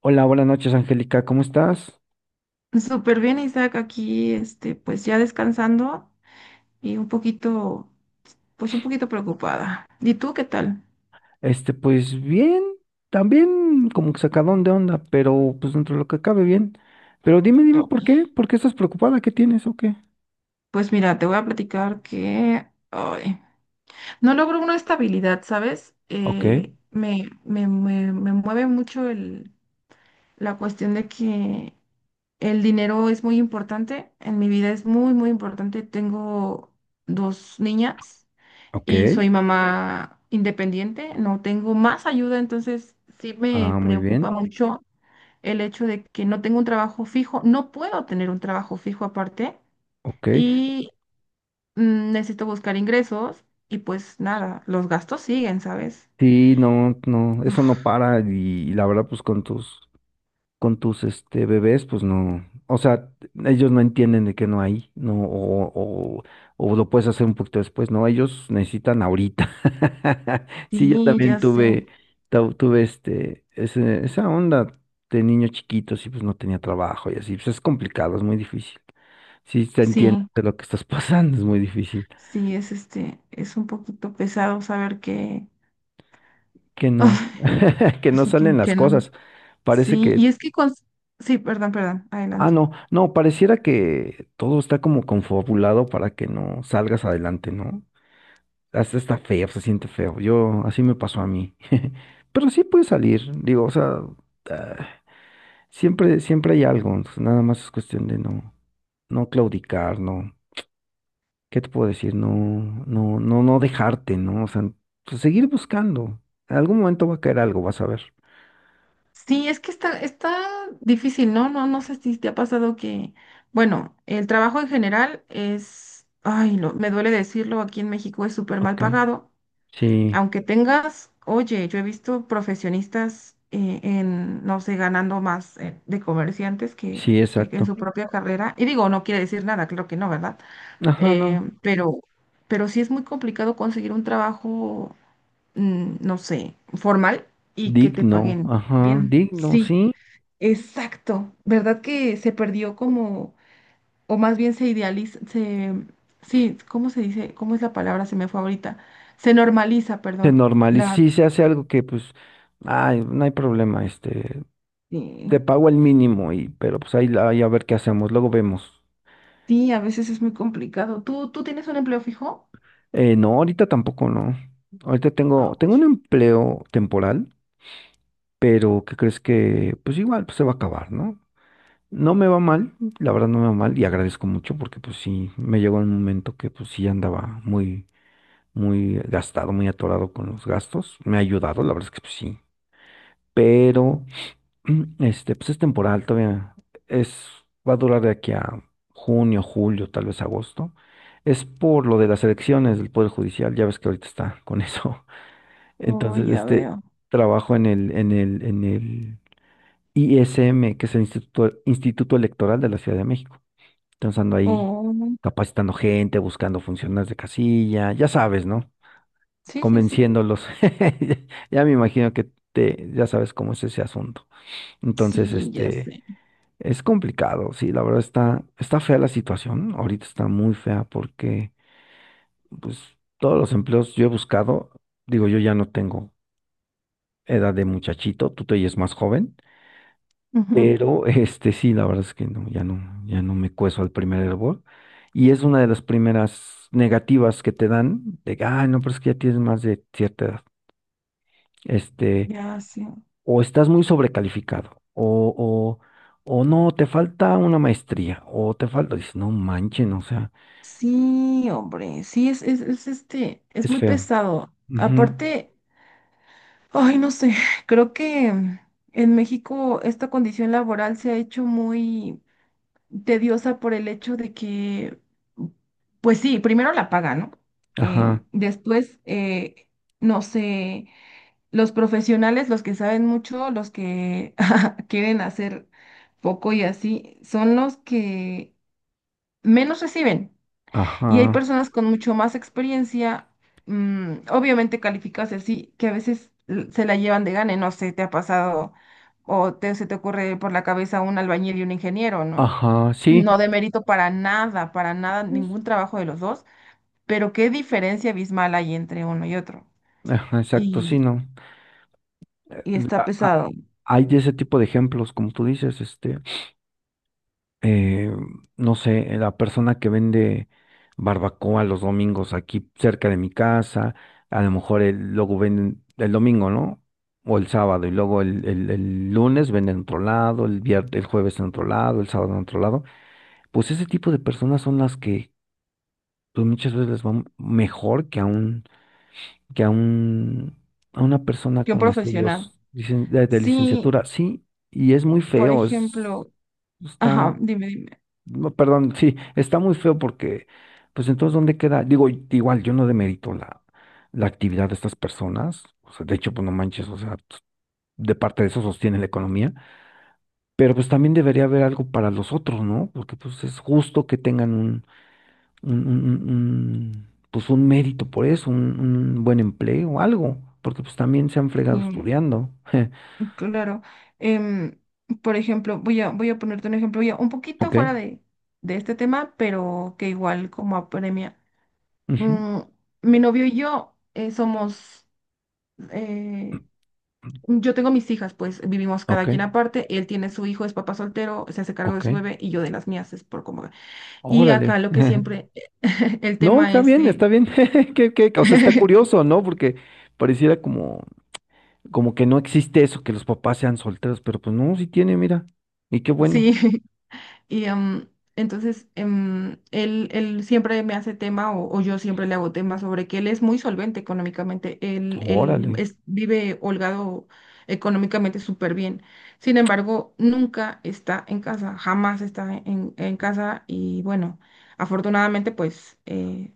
Hola, buenas noches, Angélica, ¿cómo estás? Súper bien, Isaac, aquí, pues ya descansando y pues un poquito preocupada. ¿Y tú qué tal? Pues bien, también como que sacadón de onda, pero pues dentro de lo que cabe bien. Pero dime, Oh. ¿por qué? ¿Por qué estás preocupada? ¿Qué tienes o qué? Pues mira, te voy a platicar que ay, no logro una estabilidad, ¿sabes? Ok, Me mueve mucho la cuestión de que el dinero es muy importante, en mi vida es muy, muy importante. Tengo dos niñas ok. y soy mamá independiente, no tengo más ayuda, entonces sí me Ah, muy preocupa bien. mucho el hecho de que no tengo un trabajo fijo, no puedo tener un trabajo fijo aparte Ok. y necesito buscar ingresos y pues nada, los gastos siguen, ¿sabes? Sí, no, no, eso no para y, la verdad, pues con tus con tus bebés, pues no, o sea, ellos no entienden de que no hay, no, o, o lo puedes hacer un poquito después, no, ellos necesitan ahorita. Sí, yo Sí, también ya sé, tuve, tuve esa onda de niños chiquitos y pues no tenía trabajo y así, pues es complicado, es muy difícil. Sí, te entiendo sí, de lo que estás pasando, es muy difícil. sí, es un poquito pesado saber que, Que no, que no sí, que, salen las que no. cosas. Parece Sí, que sí, perdón, ah, adelante. no, no, pareciera que todo está como confabulado para que no salgas adelante, ¿no? Hasta está feo, se siente feo. Yo, así me pasó a mí. Pero sí puedes salir, digo, o sea, ah, siempre, siempre hay algo, entonces nada más es cuestión de no, no claudicar, no, ¿qué te puedo decir? No, no, no, no dejarte, ¿no? O sea, pues, seguir buscando. En algún momento va a caer algo, vas a ver. Sí, es que está difícil, ¿no? No, no sé si te ha pasado que, bueno, el trabajo en general es, ay, me duele decirlo, aquí en México es súper mal Ok, pagado. sí, Aunque tengas, oye, yo he visto profesionistas en, no sé, ganando más de comerciantes que, sí, que en exacto. su propia carrera. Y digo, no quiere decir nada, claro que no, ¿verdad? Ajá, Eh, no. pero, pero sí es muy complicado conseguir un trabajo, no sé, formal y que te Digno, paguen ajá, bien. digno, Sí. sí. Exacto, ¿verdad que se perdió como, o más bien se idealiza, sí, ¿cómo se dice? ¿Cómo es la palabra? Se me fue ahorita. Se normaliza, Se perdón. normaliza, La, sí, se hace algo que pues, ay, no hay problema, eh, te pago el mínimo y, pero pues ahí, ahí a ver qué hacemos, luego vemos. sí, a veces es muy complicado. ¿Tú tienes un empleo fijo? No, ahorita tampoco no. Ahorita tengo, tengo un Ouch. empleo temporal, pero ¿qué crees que? Pues igual, pues se va a acabar, ¿no? No me va mal, la verdad no me va mal y agradezco mucho porque pues sí, me llegó un momento que pues sí andaba muy, muy gastado, muy atorado con los gastos. Me ha ayudado, la verdad es que pues sí. Pero pues es temporal, todavía es, va a durar de aquí a junio, julio, tal vez agosto. Es por lo de las elecciones del Poder Judicial, ya ves que ahorita está con eso. Oh, Entonces, ya veo. trabajo en el ISM, que es el Instituto Electoral de la Ciudad de México. Entonces ando ahí Oh, capacitando gente, buscando funcionarios de casilla, ya sabes, ¿no? sí, sí, sí. Convenciéndolos. Ya me imagino que te, ya sabes cómo es ese asunto. Entonces, Sí, ya este... sé. Es complicado, sí, la verdad está, está fea la situación, ahorita está muy fea porque pues todos los empleos yo he buscado, digo yo ya no tengo edad de muchachito, tú te oyes más joven, Ujú. pero sí, la verdad es que no, ya no, ya no me cueso al primer hervor y es una de las primeras negativas que te dan de, que, ay, no, pero es que ya tienes más de cierta edad, este, Ya sé. o estás muy sobrecalificado o no, te falta una maestría o te falta, dices, no manchen, o sea. Sí, hombre, sí, es Es muy feo. pesado. Ujú. Aparte. Ay, no sé, creo que en México esta condición laboral se ha hecho muy tediosa por el hecho de que, pues sí, primero la paga, ¿no? Ajá, Después, no sé, los profesionales, los que saben mucho, los que quieren hacer poco y así, son los que menos reciben. Y hay ajá, personas con mucho más experiencia, obviamente calificadas y así, que a veces se la llevan de gane, no sé, te ha pasado o se te ocurre por la cabeza un albañil y un ingeniero, ¿no? ajá, sí. No de mérito para nada, ningún trabajo de los dos, pero qué diferencia abismal hay entre uno y otro. Ajá, exacto, sí, Y, no. Eh, y está a- a- pesado Hay de ese tipo de ejemplos, como tú dices, eh, no sé, la persona que vende barbacoa los domingos aquí cerca de mi casa, a lo mejor luego venden el domingo, ¿no? O el sábado, y luego el, el lunes venden en otro lado, el viernes, el jueves en otro lado, el sábado en otro lado. Pues ese tipo de personas son las que pues muchas veces les va mejor que a un, a una persona que un con profesional. estudios de Sí, licenciatura. Sí, y es muy por feo, es, ejemplo, está, ajá, dime, dime. no, perdón, sí, está muy feo porque, pues entonces, ¿dónde queda? Digo, igual, yo no demerito la, la actividad de estas personas, o sea, de hecho, pues no manches, o sea, pues, de parte de eso sostiene la economía, pero pues también debería haber algo para los otros, ¿no? Porque pues es justo que tengan un, pues un mérito por eso, un buen empleo, o algo, porque pues también se han Sí. fregado estudiando. Claro. Em, por ejemplo, voy a ponerte un ejemplo ya un poquito Ok, fuera de este tema, pero que igual como apremia. ujú, Mm, mi novio y yo eh, yo tengo mis hijas, pues vivimos ok, cada quien aparte, él tiene su hijo, es papá soltero, se hace cargo de ok, su bebé y yo de las mías, es por como. Y órale. acá lo que siempre, el No, tema está es bien, de. está bien. Que, o sea, está curioso, ¿no? Porque pareciera como, como que no existe eso, que los papás sean solteros, pero pues no, sí tiene, mira. Y qué bueno. Sí. Y em, entonces él siempre me hace tema o yo siempre le hago tema sobre que él es muy solvente económicamente, Órale. Vive holgado económicamente súper bien. Sin embargo, nunca está en casa, jamás está en casa y bueno, afortunadamente pues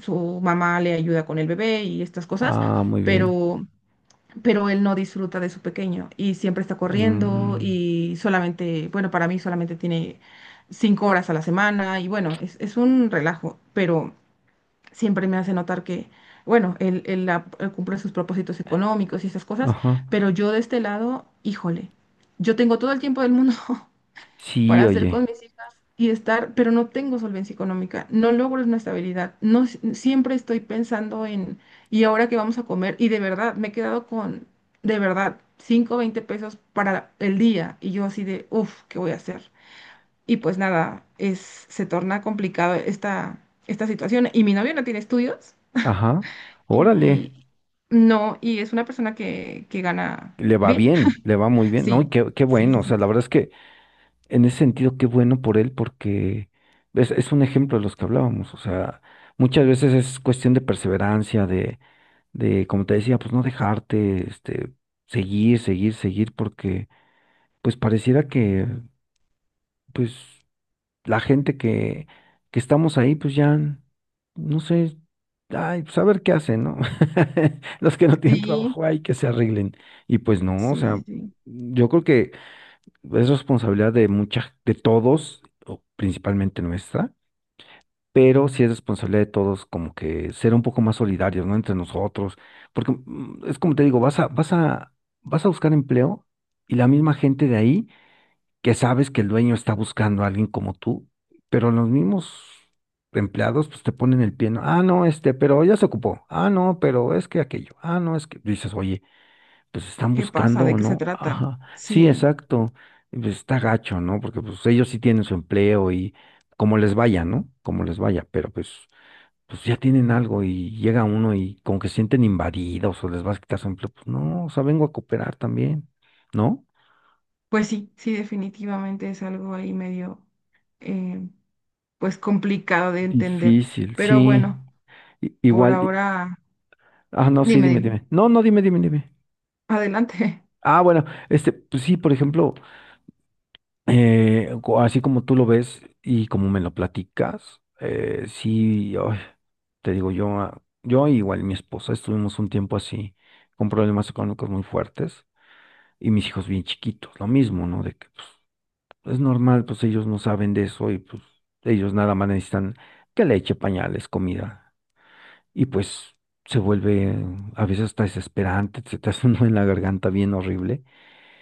su mamá le ayuda con el bebé y estas cosas, Ah, muy bien. pero pero él no disfruta de su pequeño y siempre está corriendo Mm, y solamente, bueno, para mí solamente tiene 5 horas a la semana y bueno, es un relajo, pero siempre me hace notar que, bueno, él cumple sus propósitos económicos y esas cosas, ajá. pero yo de este lado, híjole, yo tengo todo el tiempo del mundo Sí, para hacer con oye. mis hijas y estar, pero no tengo solvencia económica, no logro una estabilidad, no siempre estoy pensando en, ¿y ahora qué vamos a comer? Y de verdad, me he quedado con, de verdad, $5.20 para el día y yo así de, uff, ¿qué voy a hacer? Y pues nada, se torna complicado esta situación y mi novio no tiene estudios Ajá. Órale. y no, y es una persona que gana Le va bien. bien, le va muy bien, ¿no? Sí, Y qué, qué sí, bueno, sí, o sea, sí. la verdad es que en ese sentido, qué bueno por él, porque es un ejemplo de los que hablábamos, o sea, muchas veces es cuestión de perseverancia, de, como te decía, pues no dejarte, seguir, seguir, seguir, porque pues pareciera que, pues, la gente que estamos ahí, pues ya, no sé, ay, pues a ver qué hacen, ¿no? Los que no tienen Sí, trabajo, ay, que se arreglen. Y pues no, o sí, sea, sí, sí. yo creo que es responsabilidad de mucha, de todos, o principalmente nuestra, pero sí es responsabilidad de todos como que ser un poco más solidarios, ¿no? Entre nosotros, porque es como te digo, vas a, vas a, vas a buscar empleo y la misma gente de ahí que sabes que el dueño está buscando a alguien como tú, pero los mismos empleados pues te ponen el pie, ¿no? Ah, no, pero ya se ocupó. Ah, no, pero es que aquello. Ah, no, es que dices, oye pues están ¿Qué pasa? buscando ¿De o qué se no. trata? Ajá, sí, Sí, exacto. Y pues está gacho, ¿no? Porque pues ellos sí tienen su empleo y como les vaya, ¿no? Como les vaya, pero pues, pues ya tienen algo y llega uno y como que se sienten invadidos o les vas a quitar su empleo. Pues no, o sea, vengo a cooperar también, ¿no? pues sí, sí, definitivamente es algo ahí medio, eh, pues complicado de entender. Difícil, Pero sí. bueno, por Igual, ahora, ah, no, sí, dime, dime, dime, dime. No, no, dime. adelante. Ah, bueno, pues sí, por ejemplo, así como tú lo ves y como me lo platicas, sí, ay, te digo, yo, yo igual mi esposa estuvimos un tiempo así, con problemas económicos muy fuertes y mis hijos bien chiquitos, lo mismo, ¿no? De que pues, es normal, pues ellos no saben de eso y pues ellos nada más necesitan que leche, pañales, comida y pues se vuelve a veces hasta desesperante, se te hace un nudo en la garganta bien horrible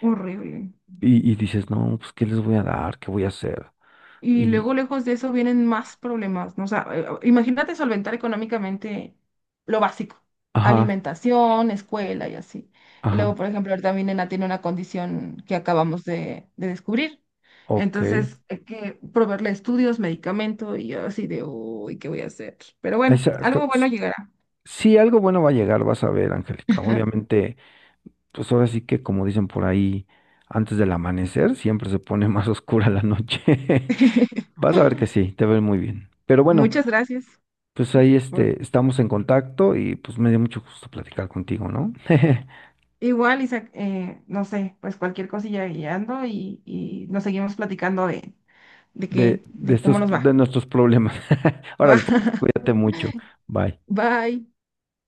Horrible. Y dices, no, pues ¿qué les voy a dar? ¿Qué voy a hacer? Y Y, luego, lejos de eso, vienen más problemas, ¿no? O sea, imagínate solventar económicamente lo básico, ajá. alimentación, escuela y así. Y luego, Ajá, por ejemplo, ahorita mi nena tiene una condición que acabamos de descubrir. ok. Entonces, hay que proveerle estudios, medicamento y yo así de, uy, ¿qué voy a hacer? Pero bueno, Exacto. algo bueno S- llegará. Sí, algo bueno va a llegar, vas a ver, Angélica. Obviamente, pues ahora sí que como dicen por ahí, antes del amanecer siempre se pone más oscura la noche. Vas a ver que sí, te ves muy bien. Pero bueno, Muchas gracias. pues ahí por- estamos en contacto y pues me dio mucho gusto platicar contigo, ¿no? Igual, Isaac, no sé, pues cualquier cosilla guiando y nos seguimos platicando de qué, de de cómo estos, nos va. de nuestros problemas. Ahora, cuídate mucho. Bye. Bye.